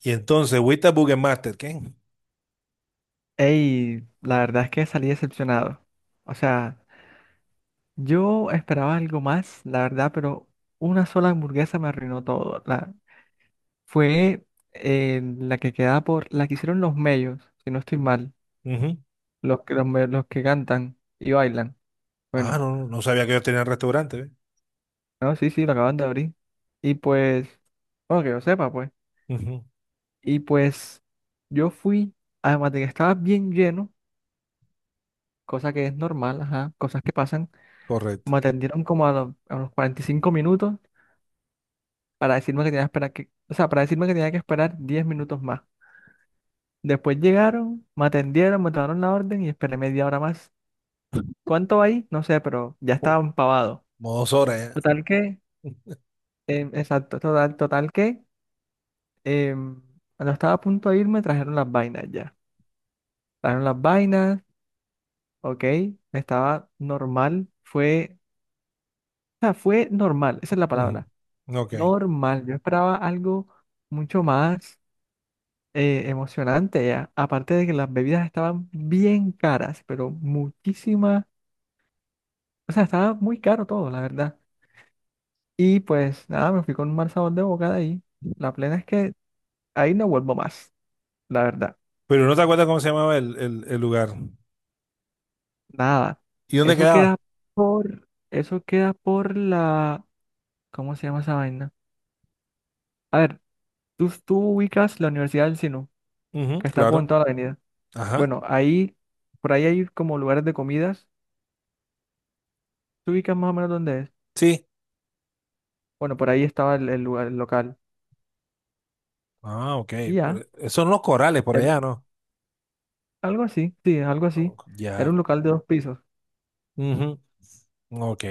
Y entonces, Wita Bugenmaster, ¿qué? Ey, la verdad es que salí decepcionado. O sea, yo esperaba algo más, la verdad, pero una sola hamburguesa me arruinó todo. La, fue la que quedaba por, la que hicieron los mellos, si no estoy mal, Ujú. Los que cantan y bailan. Ah, Bueno, no, no, no sabía que yo tenía restaurante, ¿ve? no, sí, sí, lo acaban de abrir. Y pues, bueno, que yo sepa, pues. Ujú. Y pues, yo fui, además de que estaba bien lleno, cosa que es normal, ajá, cosas que pasan, Correcto. me atendieron como a los 45 minutos para decirme que tenía que esperar que, o sea, para decirme que tenía que esperar 10 minutos más. Después llegaron, me atendieron, me tomaron la orden y esperé media hora más. ¿Cuánto ahí? No sé, pero ya Oh. estaba empavado. Modo Sora, ¿eh? Total que, exacto, total que, em, cuando estaba a punto de irme, trajeron las vainas ya. Trajeron las vainas, ok, estaba normal, fue, o sea, fue normal, esa es la Ujú. palabra, Ok. normal. Yo esperaba algo mucho más, emocionante ya. Aparte de que las bebidas estaban bien caras, pero muchísimas. O sea, estaba muy caro todo, la verdad. Y pues nada, me fui con un mal sabor de boca de ahí. La plena es que ahí no vuelvo más, la verdad. Pero no te acuerdas cómo se llamaba el lugar. Nada. ¿Y dónde Eso queda quedaba? por. Eso queda por la. ¿Cómo se llama esa vaina? A ver, tú ubicas la Universidad del Sinu, Ujú. que está como en Claro. toda la avenida. Ajá. Bueno, ahí. Por ahí hay como lugares de comidas. ¿Tú ubicas más o menos dónde es? Sí. Bueno, por ahí estaba el lugar, el local. Ah, ok. Y Pero ya. esos son los corales por Era- allá, ¿no? Algo así, sí, algo Oh. así. Era Ya. un local de dos pisos. Ujú. Ok.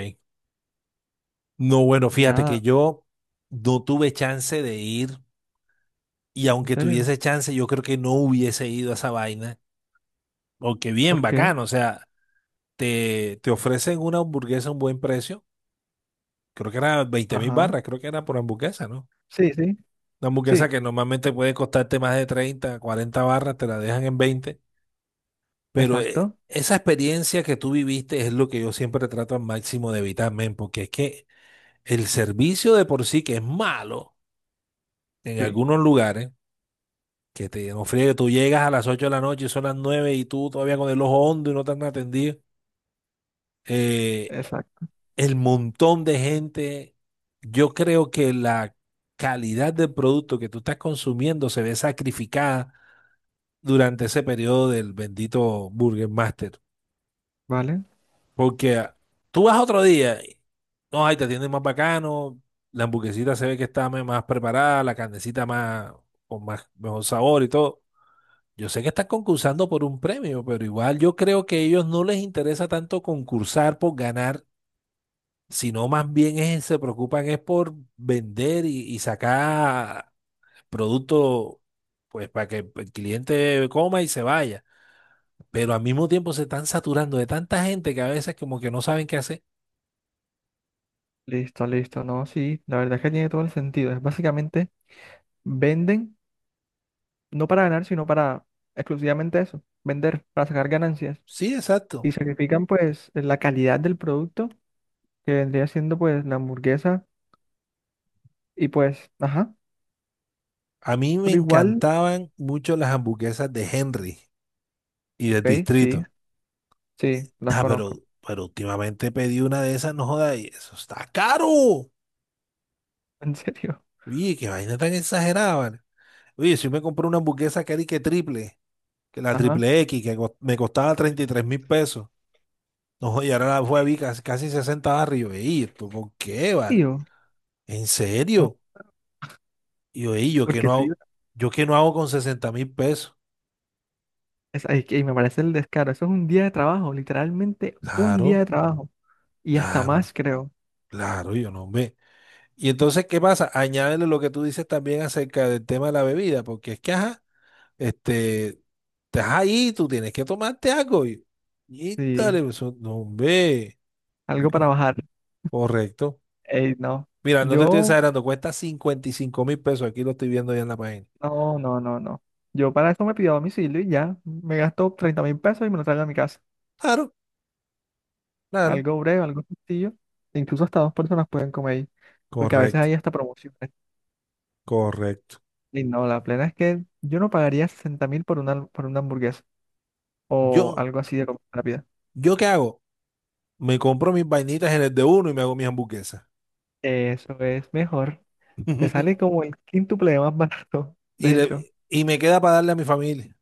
No, bueno, Y fíjate que nada, yo no tuve chance de ir. Y en aunque serio. tuviese chance, yo creo que no hubiese ido a esa vaina. Aunque bien ¿Por qué? bacano, o sea, te ofrecen una hamburguesa a un buen precio. Creo que era 20.000 Ajá. barras, creo que era por hamburguesa, ¿no? Sí, sí, Una hamburguesa sí, que normalmente puede costarte más de 30, 40 barras, te la dejan en 20. Pero, exacto. esa experiencia que tú viviste es lo que yo siempre trato al máximo de evitar, men, porque es que el servicio de por sí que es malo en Sí, algunos lugares, que te ofrece que tú llegas a las 8 de la noche y son las 9 y tú todavía con el ojo hondo y no te han atendido. Eh, exacto. el montón de gente, yo creo que la calidad del producto que tú estás consumiendo se ve sacrificada durante ese periodo del bendito Burger Master. Vale. Porque tú vas otro día, y no, ahí te atienden más bacano, la hamburguesita se ve que está más preparada, la carnecita más, con más, mejor sabor y todo. Yo sé que estás concursando por un premio, pero igual yo creo que a ellos no les interesa tanto concursar por ganar, sino más bien se preocupan es por vender y sacar producto, pues para que el cliente coma y se vaya. Pero al mismo tiempo se están saturando de tanta gente que a veces como que no saben qué hacer. Listo, listo. No, sí, la verdad es que tiene todo el sentido. Es básicamente venden, no para ganar, sino para exclusivamente eso, vender, para sacar ganancias. Sí, Y exacto. sacrifican pues la calidad del producto, que vendría siendo pues la hamburguesa. Y pues, ajá, A mí me pero igual, encantaban mucho las hamburguesas de Henry y del ok, sí, Distrito. sí, las Ah, conozco. pero últimamente pedí una de esas, no joda, y eso está caro. En serio. Oye, qué vaina tan exagerada, ¿vale? Oye, si me compré una hamburguesa que era y que triple. Que la Ajá. triple X, que me costaba 33.000 pesos. No, y ahora la fue a vi casi, casi 60 barras. Y yo, ey, ¿esto por qué, ¿En vale? serio? ¿En serio? Y yo, ey, ¿yo qué Porque no hago, yo qué no hago con 60.000 pesos? es, ay, que me parece el descaro. Eso es un día de trabajo, literalmente un día Claro, de trabajo. Y hasta claro, más, creo. claro, y yo no ve. Y entonces, ¿qué pasa? Añádele lo que tú dices también acerca del tema de la bebida, porque es que, ajá, este, estás ahí, tú tienes que tomarte algo. Y Sí, dale, eso, no ve. algo para bajar. Correcto. Ey, no. Mira, no te estoy Yo, exagerando, cuesta 55.000 pesos. Aquí lo estoy viendo ya en la página. no, no, no, no. Yo para eso me pido domicilio y ya. Me gasto 30.000 pesos y me lo traigo a mi casa. Claro, claro. Algo breve, algo sencillo. E incluso hasta dos personas pueden comer ahí. Porque a veces Correcto, hay hasta promociones. correcto. Y no, la plena es que yo no pagaría 60.000 por una hamburguesa o Yo, algo así de comida rápida. ¿yo qué hago? Me compro mis vainitas en el de uno y me hago mis hamburguesas. Eso es mejor. Te sale como el quíntuple de más barato, Y, de le, hecho. y me queda para darle a mi familia.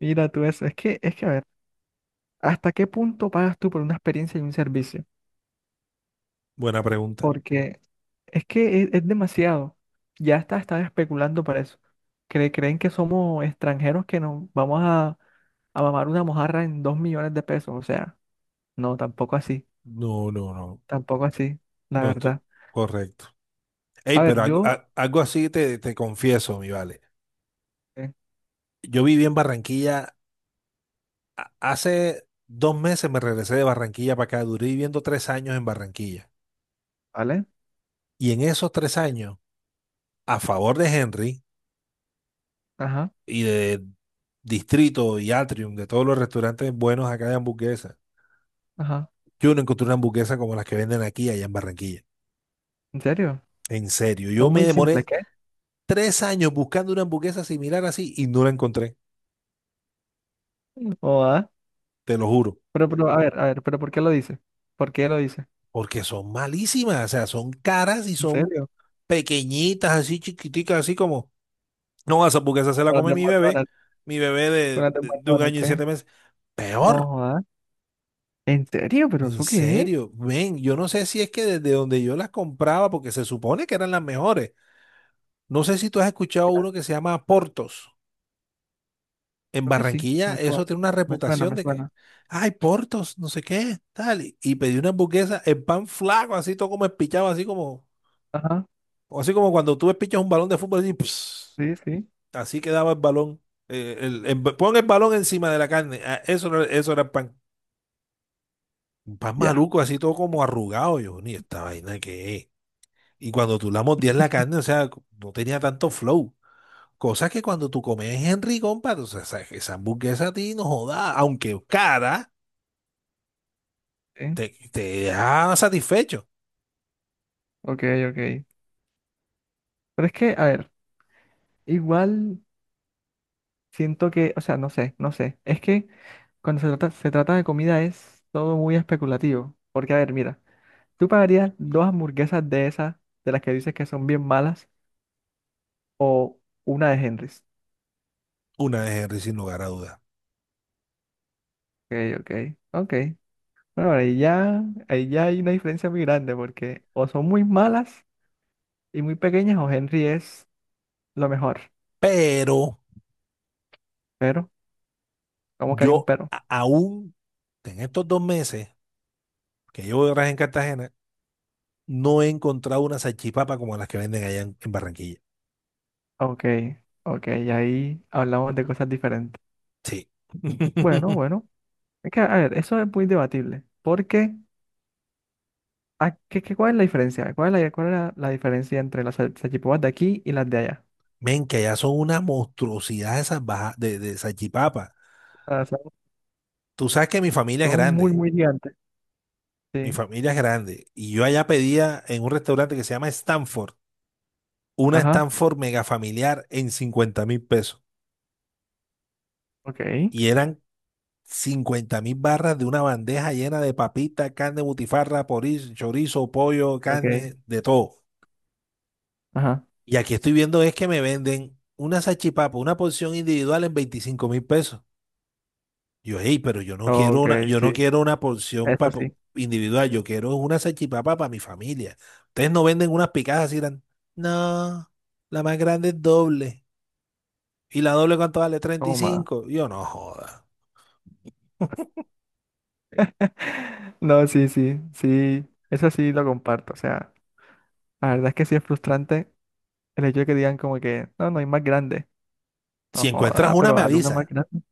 Mira tú eso. Es que, a ver, ¿hasta qué punto pagas tú por una experiencia y un servicio? Buena pregunta. Porque es que es demasiado. Ya está, están especulando para eso. Creen que somos extranjeros que nos vamos a mamar una mojarra en 2.000.000 de pesos. O sea, no, tampoco así. No, no, no. Tampoco así, la No estoy. verdad. Correcto. Ey, A ver, pero algo, yo, algo así te confieso, mi vale. eh, Yo viví en Barranquilla. Hace 2 meses me regresé de Barranquilla para acá. Duré viviendo 3 años en Barranquilla. ¿vale? Y en esos 3 años, a favor de Henry Ajá, y de Distrito y Atrium, de todos los restaurantes buenos acá de hamburguesas. ajá. Yo no encontré una hamburguesa como las que venden aquí allá en Barranquilla. ¿En serio? En serio, yo Son me muy simples, demoré ¿qué? 3 años buscando una hamburguesa similar así y no la encontré, O ah. te lo juro, Pero, a ver, pero ¿por qué lo dice? ¿Por qué lo dice? porque son malísimas, o sea, son caras y ¿En son serio? pequeñitas, así chiquiticas, así como, no, esa hamburguesa se la ¿O las come de McDonald's? mi bebé ¿Con de, las de de, de un McDonald's? año y ¿Qué? siete meses. No, Peor. jodas. ¿En serio? ¿Pero En eso qué es? serio, ven, yo no sé si es que desde donde yo las compraba, porque se supone que eran las mejores. No sé si tú has escuchado Ya, uno que se llama Portos. En creo que sí. Barranquilla, Me suena. eso tiene una Me suena, reputación me de que, suena. ay, Portos, no sé qué, tal. Y pedí una hamburguesa, el pan flaco, así todo como espichado, así como, Ajá. o así como cuando tú espichas un balón de fútbol, así, Sí, sí. así quedaba el balón. Pon el balón encima de la carne. Eso, eso era el pan. Un pan Ya. maluco, así todo como arrugado. Yo, ni esta vaina que es. Y cuando tú la mordías la carne, o sea, no tenía tanto flow. Cosa que cuando tú comes Henry, compadre, o sea, esa hamburguesa a ti no joda, aunque cara, Sí. te deja satisfecho. Ok, ok. Pero es que, a ver, igual siento que, o sea, no sé, no sé. Es que cuando se trata de comida es todo muy especulativo. Porque, a ver, mira, ¿tú pagarías dos hamburguesas de esas, de las que dices que son bien malas, o una de Henry's? Una de Henry, sin lugar a dudas. Ok, ok. Ok. Bueno, ahí ya hay una diferencia muy grande porque o son muy malas y muy pequeñas o Henry es lo mejor. Pero Pero, ¿cómo que hay un yo pero? Aún, en estos 2 meses que llevo de viaje en Cartagena, no he encontrado una salchipapa como las que venden allá en, Barranquilla. Ok, ok, ahí hablamos de cosas diferentes. Sí. Bueno, bueno, es que, a ver, eso es muy debatible. Porque, ¿cuál es la diferencia? ¿Cuál es la diferencia entre las salchipapas de aquí y las de allá? Men, que allá son una monstruosidad esas bajas de salchipapa. Ah, son, Tú sabes que mi familia es son muy, grande. muy gigantes. Mi Sí, familia es grande y yo allá pedía en un restaurante que se llama Stanford, una ajá, Stanford mega familiar en 50.000 pesos. ok, Y eran 50.000 barras de una bandeja llena de papita, carne, butifarra, chorizo, pollo, ok, carne, de todo. ajá, Y aquí estoy viendo es que me venden una salchipapa, una porción individual en 25.000 pesos. Yo, hey, pero yo no quiero ok, una, yo no sí, quiero una porción eso sí, individual, yo quiero una salchipapa para mi familia. Ustedes no venden unas picadas así tan. No, la más grande es doble. ¿Y la doble cuánto vale? treinta y toma. cinco Yo no joda. No, sí, sí, sí, eso sí lo comparto. O sea, la verdad es que sí es frustrante el hecho de que digan como que, no, no hay más grande. No Si encuentras joda, una, pero me alguna una más avisa. grande.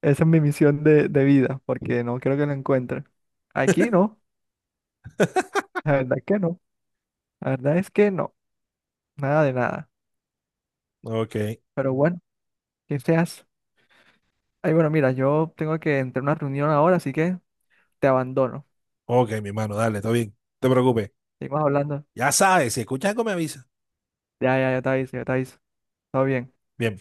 Esa es mi misión de vida, porque no creo que lo encuentren. Aquí no, la verdad es que no. La verdad es que no, nada de nada. Ok, Pero bueno, que seas. Ay, bueno, mira, yo tengo que entrar a una reunión ahora, así que te abandono. ok, mi hermano, dale, todo bien. No te preocupes. Seguimos hablando. Ya sabes, si escuchas algo, me avisa. Ya, ya, ya te aviso, ya te aviso. Todo bien. Bien.